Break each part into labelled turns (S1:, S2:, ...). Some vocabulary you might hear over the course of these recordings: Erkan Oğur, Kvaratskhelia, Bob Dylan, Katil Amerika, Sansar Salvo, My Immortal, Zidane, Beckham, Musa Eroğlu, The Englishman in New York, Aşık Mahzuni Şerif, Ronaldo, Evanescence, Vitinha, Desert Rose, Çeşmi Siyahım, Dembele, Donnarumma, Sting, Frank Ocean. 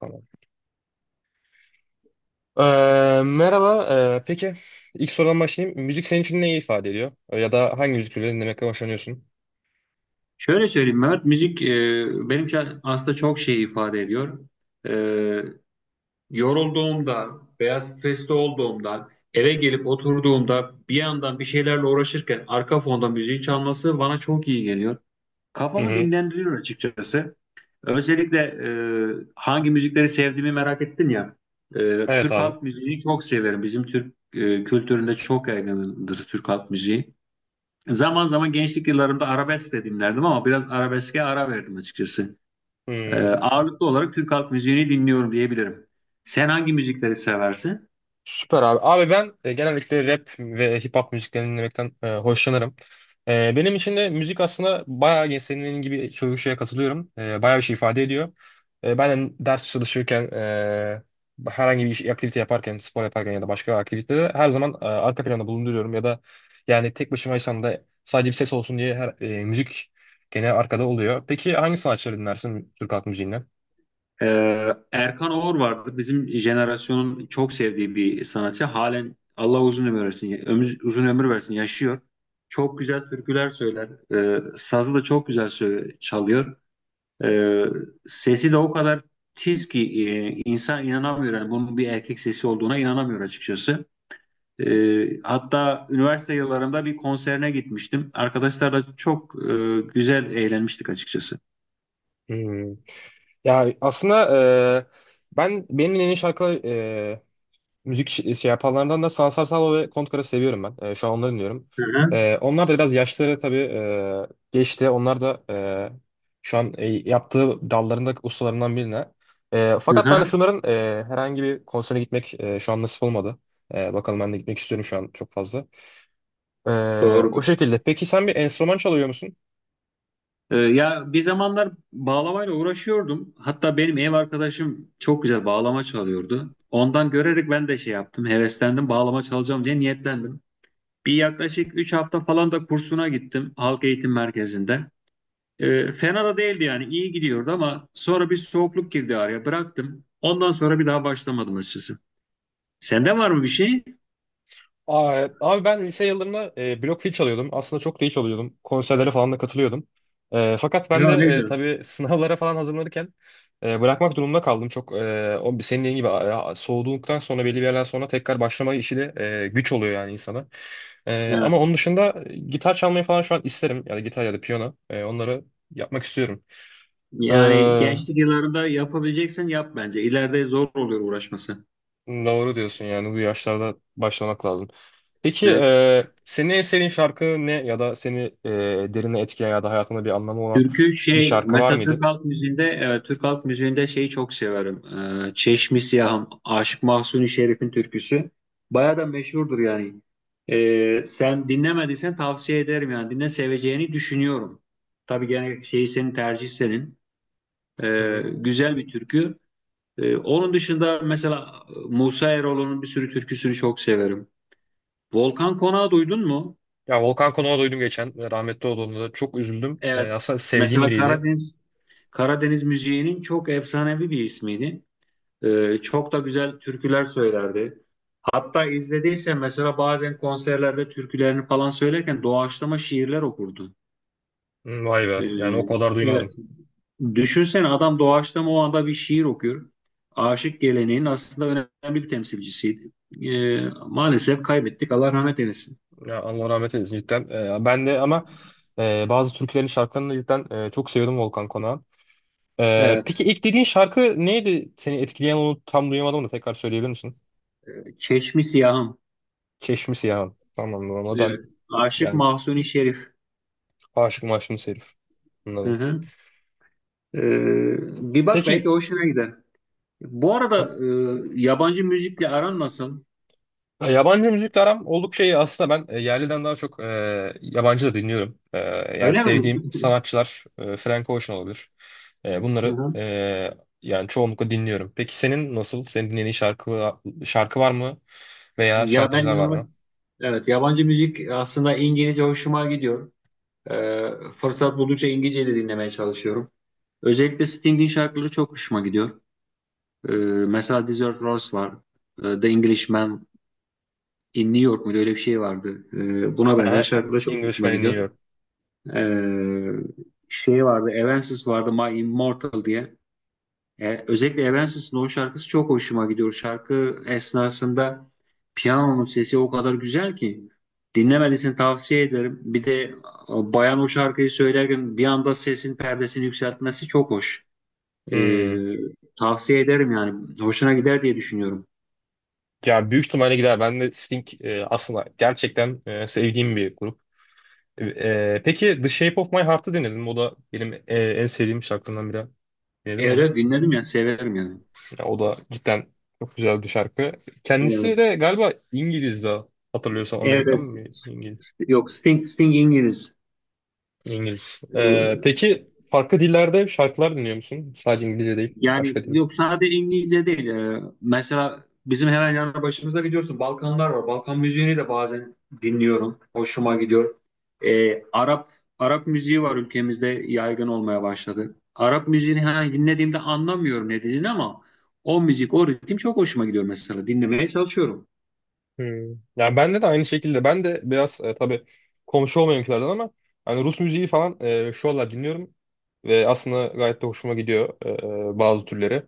S1: Tamam. Merhaba. Peki ilk sorudan başlayayım. Müzik senin için neyi ifade ediyor? Ya da hangi müzik türleri dinlemekten hoşlanıyorsun?
S2: Şöyle söyleyeyim Mehmet, müzik benim için aslında çok şey ifade ediyor. E, Yorulduğumda veya stresli olduğumda, eve gelip oturduğumda bir yandan bir şeylerle uğraşırken arka fonda müziği çalması bana çok iyi geliyor.
S1: Hı
S2: Kafamı
S1: hı.
S2: dinlendiriyor açıkçası. Özellikle hangi müzikleri sevdiğimi merak ettin ya.
S1: Evet
S2: Türk
S1: abi.
S2: halk müziğini çok severim. Bizim Türk kültüründe çok yaygındır Türk halk müziği. Zaman zaman gençlik yıllarımda arabesk de dinlerdim ama biraz arabeske ara verdim açıkçası.
S1: Hmm.
S2: Ağırlıklı olarak Türk halk müziğini dinliyorum diyebilirim. Sen hangi müzikleri seversin?
S1: Süper abi. Abi ben genellikle rap ve hip hop müziklerini dinlemekten hoşlanırım. Benim için de müzik aslında senin gibi görüşe katılıyorum. Bayağı bir şey ifade ediyor. Ben de ders çalışırken, herhangi bir iş, aktivite yaparken, spor yaparken ya da başka bir aktivitede her zaman arka planda bulunduruyorum. Ya da yani tek başımaysam da sadece bir ses olsun diye her, müzik gene arkada oluyor. Peki hangi sanatçıları dinlersin Türk halk müziğinden?
S2: Erkan Oğur vardı. Bizim jenerasyonun çok sevdiği bir sanatçı. Halen Allah uzun ömür versin, uzun ömür versin, yaşıyor. Çok güzel türküler söyler. Sazı da çok güzel çalıyor. Ee, Sesi de o kadar tiz ki insan inanamıyor. Yani bunun bir erkek sesi olduğuna inanamıyor açıkçası. Hatta üniversite yıllarımda bir konserine gitmiştim. Arkadaşlarla çok güzel eğlenmiştik açıkçası.
S1: Ya aslında e, benim en iyi şarkı şey yapanlardan da Sansar Salvo ve Kontkar'ı seviyorum ben. Şu an onları dinliyorum.
S2: Hı hı,
S1: Onlar da biraz yaşları tabii geçti. Onlar da şu an yaptığı dallarında ustalarından birine.
S2: hı
S1: Fakat ben
S2: hı.
S1: şunların herhangi bir konsere gitmek şu an nasip olmadı. Bakalım ben de gitmek istiyorum şu an çok fazla. E, O
S2: Doğrudur.
S1: şekilde. Peki sen bir enstrüman çalıyor musun?
S2: Ya bir zamanlar bağlamayla uğraşıyordum. Hatta benim ev arkadaşım çok güzel bağlama çalıyordu. Ondan görerek ben de şey yaptım, heveslendim, bağlama çalacağım diye niyetlendim. Bir yaklaşık 3 hafta falan da kursuna gittim halk eğitim merkezinde. Fena da değildi yani iyi gidiyordu ama sonra bir soğukluk girdi araya bıraktım. Ondan sonra bir daha başlamadım açıkçası. Sende var mı bir şey?
S1: Aa, evet. Abi ben lise yıllarında blok fil çalıyordum. Aslında çok da iyi çalıyordum. Konserlere falan da katılıyordum. Fakat ben de
S2: Ya ne güzel.
S1: tabii sınavlara falan hazırlanırken bırakmak durumunda kaldım. Çok o senin dediğin gibi soğuduktan sonra belli bir yerden sonra tekrar başlama işi de güç oluyor yani insana. Ama
S2: Evet.
S1: onun dışında gitar çalmayı falan şu an isterim. Yani gitar ya da piyano. Onları yapmak istiyorum. E,
S2: Yani gençlik yıllarında yapabileceksen yap bence. İleride zor oluyor uğraşması.
S1: doğru diyorsun yani bu yaşlarda başlamak lazım. Peki
S2: Evet.
S1: senin en sevdiğin şarkı ne ya da seni derine etkileyen ya da hayatında bir anlamı olan
S2: Türkü
S1: bir
S2: şey
S1: şarkı var
S2: mesela
S1: mıydı?
S2: Türk halk müziğinde şeyi çok severim. Çeşmi Siyahım, Aşık Mahzuni Şerif'in türküsü. Bayağı da meşhurdur yani. Sen dinlemediysen tavsiye ederim yani. Dinle seveceğini düşünüyorum. Tabii gene şeyi senin tercih senin.
S1: Hı hı.
S2: Güzel bir türkü. Onun dışında mesela Musa Eroğlu'nun bir sürü türküsünü çok severim. Volkan Konak'ı duydun mu?
S1: Ya Volkan Konak'ı duydum geçen. Ve rahmetli olduğunda da çok üzüldüm.
S2: Evet.
S1: Aslında sevdiğim
S2: Mesela
S1: biriydi.
S2: Karadeniz Karadeniz müziğinin çok efsanevi bir ismiydi. Çok da güzel türküler söylerdi. Hatta izlediysen mesela bazen konserlerde türkülerini falan söylerken doğaçlama şiirler okurdu.
S1: Hı, vay be.
S2: Ee,
S1: Yani o kadar
S2: evet.
S1: duymadım.
S2: Düşünsene adam doğaçlama o anda bir şiir okuyor. Aşık geleneğin aslında önemli bir temsilcisiydi. Ee, Maalesef kaybettik. Allah rahmet eylesin.
S1: Ya Allah rahmet eylesin cidden. Ben de ama bazı türkülerin şarkılarını cidden çok seviyordum Volkan Konak'ı. Peki
S2: Evet.
S1: ilk dediğin şarkı neydi? Seni etkileyen onu tam duyamadım da tekrar söyleyebilir misin?
S2: Çeşmi Siyahım.
S1: Çeşmisi ya. Tamam. O ben
S2: Evet. Aşık
S1: yani
S2: Mahsuni Şerif.
S1: aşık maşım herif.
S2: Hı
S1: Anladım.
S2: hı. Bir bak belki
S1: Peki
S2: hoşuna gider. Bu arada
S1: bak,
S2: yabancı müzikle aran nasıl?
S1: yabancı müzikle aram oldukça iyi. Aslında ben yerliden daha çok yabancı da dinliyorum. Yani
S2: Öyle mi?
S1: sevdiğim sanatçılar Frank Ocean olabilir.
S2: Hı
S1: Bunları
S2: hı.
S1: yani çoğunlukla dinliyorum. Peki senin nasıl? Şarkı var mı? Veya
S2: Ya ben
S1: şarkıcılar var
S2: yalnız
S1: mı?
S2: evet yabancı müzik aslında İngilizce hoşuma gidiyor. Ee, Fırsat buldukça İngilizce de dinlemeye çalışıyorum. Özellikle Sting'in şarkıları çok hoşuma gidiyor. Ee, Mesela Desert Rose var. The Englishman in New York muydu? Öyle bir şey vardı. Buna benzer
S1: Aha,
S2: şarkılar çok hoşuma
S1: Englishman'ı
S2: gidiyor.
S1: dinliyorum.
S2: Ee, Şey vardı. Evanescence vardı. My Immortal diye. Özellikle Evanescence'ın o şarkısı çok hoşuma gidiyor. Şarkı esnasında piyanonun sesi o kadar güzel ki dinlemelisin tavsiye ederim. Bir de bayan o şarkıyı söylerken bir anda sesin perdesini yükseltmesi çok hoş. E,
S1: Hmm.
S2: Tavsiye ederim yani. Hoşuna gider diye düşünüyorum.
S1: Yani büyük ihtimalle gider. Ben de Sting aslında gerçekten sevdiğim bir grup. Peki The Shape of My Heart'ı dinledim. O da benim en sevdiğim şarkılarımdan biri. Dinledim mi
S2: Evet
S1: onu?
S2: evet, dinledim ya severim yani.
S1: Ya o da cidden çok güzel bir şarkı. Kendisi
S2: Evet.
S1: de galiba İngiliz daha. Hatırlıyorsam Amerikan
S2: Evet.
S1: mı? İngiliz.
S2: Yok Sting, Sting İngiliz.
S1: İngiliz.
S2: E,
S1: Peki farklı dillerde şarkılar dinliyor musun? Sadece İngilizce değil.
S2: Yani
S1: Başka dil.
S2: yok sadece İngilizce değil. Mesela bizim hemen yanı başımızda biliyorsun Balkanlar var. Balkan müziğini de bazen dinliyorum. Hoşuma gidiyor. Ee, Arap Arap müziği var ülkemizde yaygın olmaya başladı. Arap müziğini hani dinlediğimde anlamıyorum ne dediğini ama o müzik, o ritim çok hoşuma gidiyor mesela. Dinlemeye çalışıyorum.
S1: Hmm. Yani bende de aynı şekilde. Ben de biraz tabii komşu olmayankilerden ama hani Rus müziği falan şu aralar dinliyorum. Ve aslında gayet de hoşuma gidiyor bazı türleri.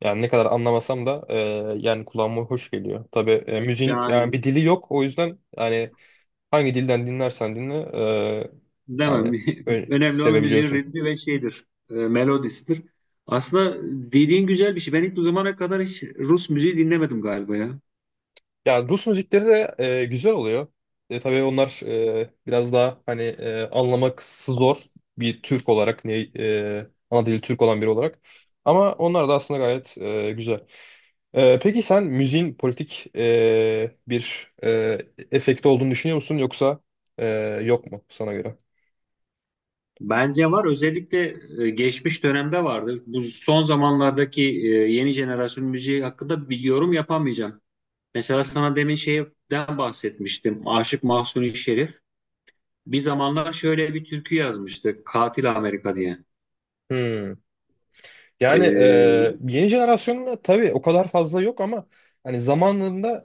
S1: Yani ne kadar anlamasam da yani kulağıma hoş geliyor. Tabii müziğin yani
S2: Yani
S1: bir dili yok. O yüzden yani hangi dilden dinlersen dinle
S2: demem.
S1: yani öyle
S2: Önemli olan müziğin
S1: sevebiliyorsun.
S2: ritmi ve şeydir. Melodisidir. Aslında dediğin güzel bir şey. Ben hiç bu zamana kadar hiç Rus müziği dinlemedim galiba ya.
S1: Ya Rus müzikleri de güzel oluyor. Tabii onlar biraz daha hani anlaması zor bir Türk olarak ne ana dili Türk olan biri olarak. Ama onlar da aslında gayet güzel. Peki sen müziğin politik bir efekti olduğunu düşünüyor musun yoksa yok mu sana göre?
S2: Bence var. Özellikle geçmiş dönemde vardı. Bu son zamanlardaki yeni jenerasyon müziği hakkında bir yorum yapamayacağım. Mesela sana demin şeyden bahsetmiştim. Aşık Mahsuni Şerif. Bir zamanlar şöyle bir türkü yazmıştı. Katil Amerika diye.
S1: Hmm. Yani
S2: E,
S1: yeni jenerasyonla tabii o kadar fazla yok ama hani zamanında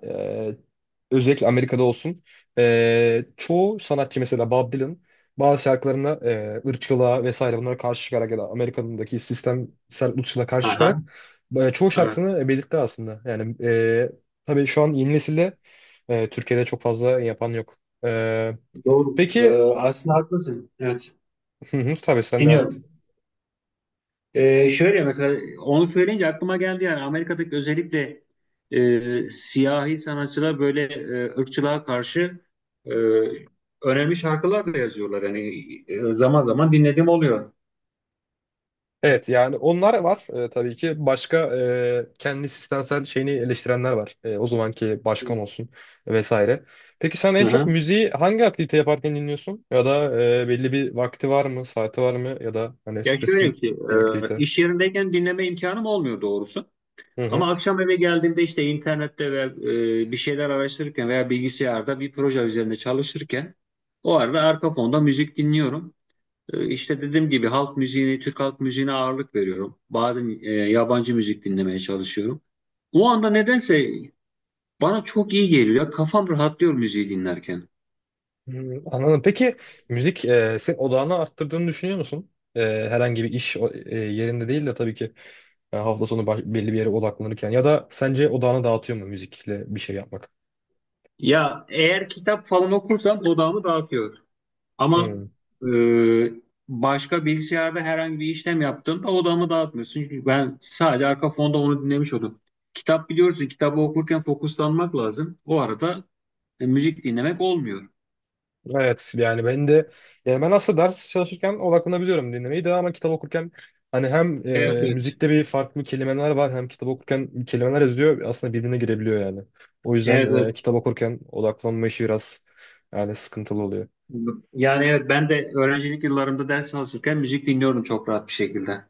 S1: özellikle Amerika'da olsun çoğu sanatçı mesela Bob Dylan bazı şarkılarına ırkçılığa vesaire bunlara karşı çıkarak ya da Amerika'daki sistemsel ırkçılığa karşı çıkarak
S2: aha,
S1: çoğu
S2: evet.
S1: şarkısını belirtti aslında. Yani tabii şu an yeni nesilde Türkiye'de çok fazla yapan yok. E,
S2: Doğru.
S1: peki
S2: Aslında haklısın. Evet.
S1: hı hı, tabii sen devam et.
S2: Dinliyorum. Şöyle mesela onu söyleyince aklıma geldi yani Amerika'daki özellikle siyahi sanatçılar böyle ırkçılığa karşı e, önemli şarkılar da yazıyorlar. Yani zaman zaman dinlediğim oluyor.
S1: Evet yani onlar var tabii ki. Başka kendi sistemsel şeyini eleştirenler var. O zamanki başkan olsun vesaire. Peki sen
S2: Hı
S1: en çok
S2: hı.
S1: müziği hangi aktivite yaparken dinliyorsun? Ya da belli bir vakti var mı, saati var mı? Ya da hani
S2: Ya şöyle
S1: spesifik
S2: ki
S1: bir aktivite.
S2: iş yerindeyken dinleme imkanım olmuyor doğrusu.
S1: Hı hı.
S2: Ama akşam eve geldiğimde işte internette ve bir şeyler araştırırken veya bilgisayarda bir proje üzerinde çalışırken o arada arka fonda müzik dinliyorum. İşte dediğim gibi halk müziğini, Türk halk müziğine ağırlık veriyorum. Bazen yabancı müzik dinlemeye çalışıyorum. O anda nedense bana çok iyi geliyor. Kafam rahatlıyor müziği dinlerken.
S1: Hı, anladım. Peki müzik senin odağını arttırdığını düşünüyor musun? Herhangi bir yerinde değil de tabii ki hafta sonu belli bir yere odaklanırken. Ya da sence odağını dağıtıyor mu müzikle bir şey yapmak?
S2: Ya eğer kitap falan okursam odağımı dağıtıyor. Ama e, başka bilgisayarda herhangi bir işlem yaptığımda odağımı dağıtmıyor. Çünkü ben sadece arka fonda onu dinlemiş oldum. Kitap biliyorsun, kitabı okurken fokuslanmak lazım. O arada müzik dinlemek olmuyor.
S1: Evet yani ben de yani ben aslında ders çalışırken odaklanabiliyorum dinlemeyi de ama kitap okurken hani hem
S2: Evet, evet.
S1: müzikte bir farklı kelimeler var hem kitap okurken kelimeler yazıyor aslında birbirine girebiliyor yani. O yüzden
S2: Evet, evet.
S1: kitap okurken odaklanma işi biraz yani sıkıntılı oluyor.
S2: Yani evet ben de öğrencilik yıllarımda ders çalışırken müzik dinliyorum çok rahat bir şekilde.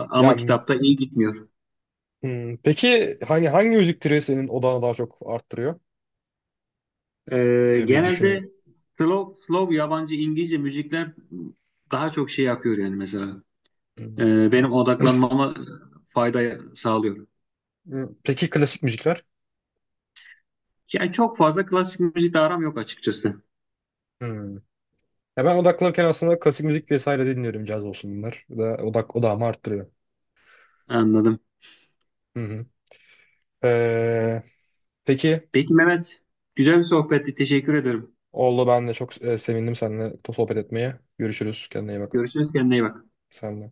S1: Ya
S2: Ama
S1: m-
S2: kitapta iyi gitmiyor.
S1: hmm, peki hani hangi müzik türü senin odağını daha çok arttırıyor? Bir düşün.
S2: Genelde slow yabancı İngilizce müzikler daha çok şey yapıyor yani mesela.
S1: Hmm.
S2: Benim odaklanmama fayda sağlıyor.
S1: Hmm, peki klasik müzikler?
S2: Yani çok fazla klasik müzikle aram yok açıkçası.
S1: Hmm. Ya ben odaklanırken aslında klasik müzik vesaire de dinliyorum caz olsun bunlar. Da odağımı arttırıyor.
S2: Anladım.
S1: Hı hı. Peki
S2: Peki Mehmet, güzel bir sohbetti. Teşekkür ederim.
S1: oldu ben de çok sevindim seninle sohbet etmeye. Görüşürüz. Kendine iyi bak.
S2: Görüşürüz. Kendine iyi bak.
S1: Sen de.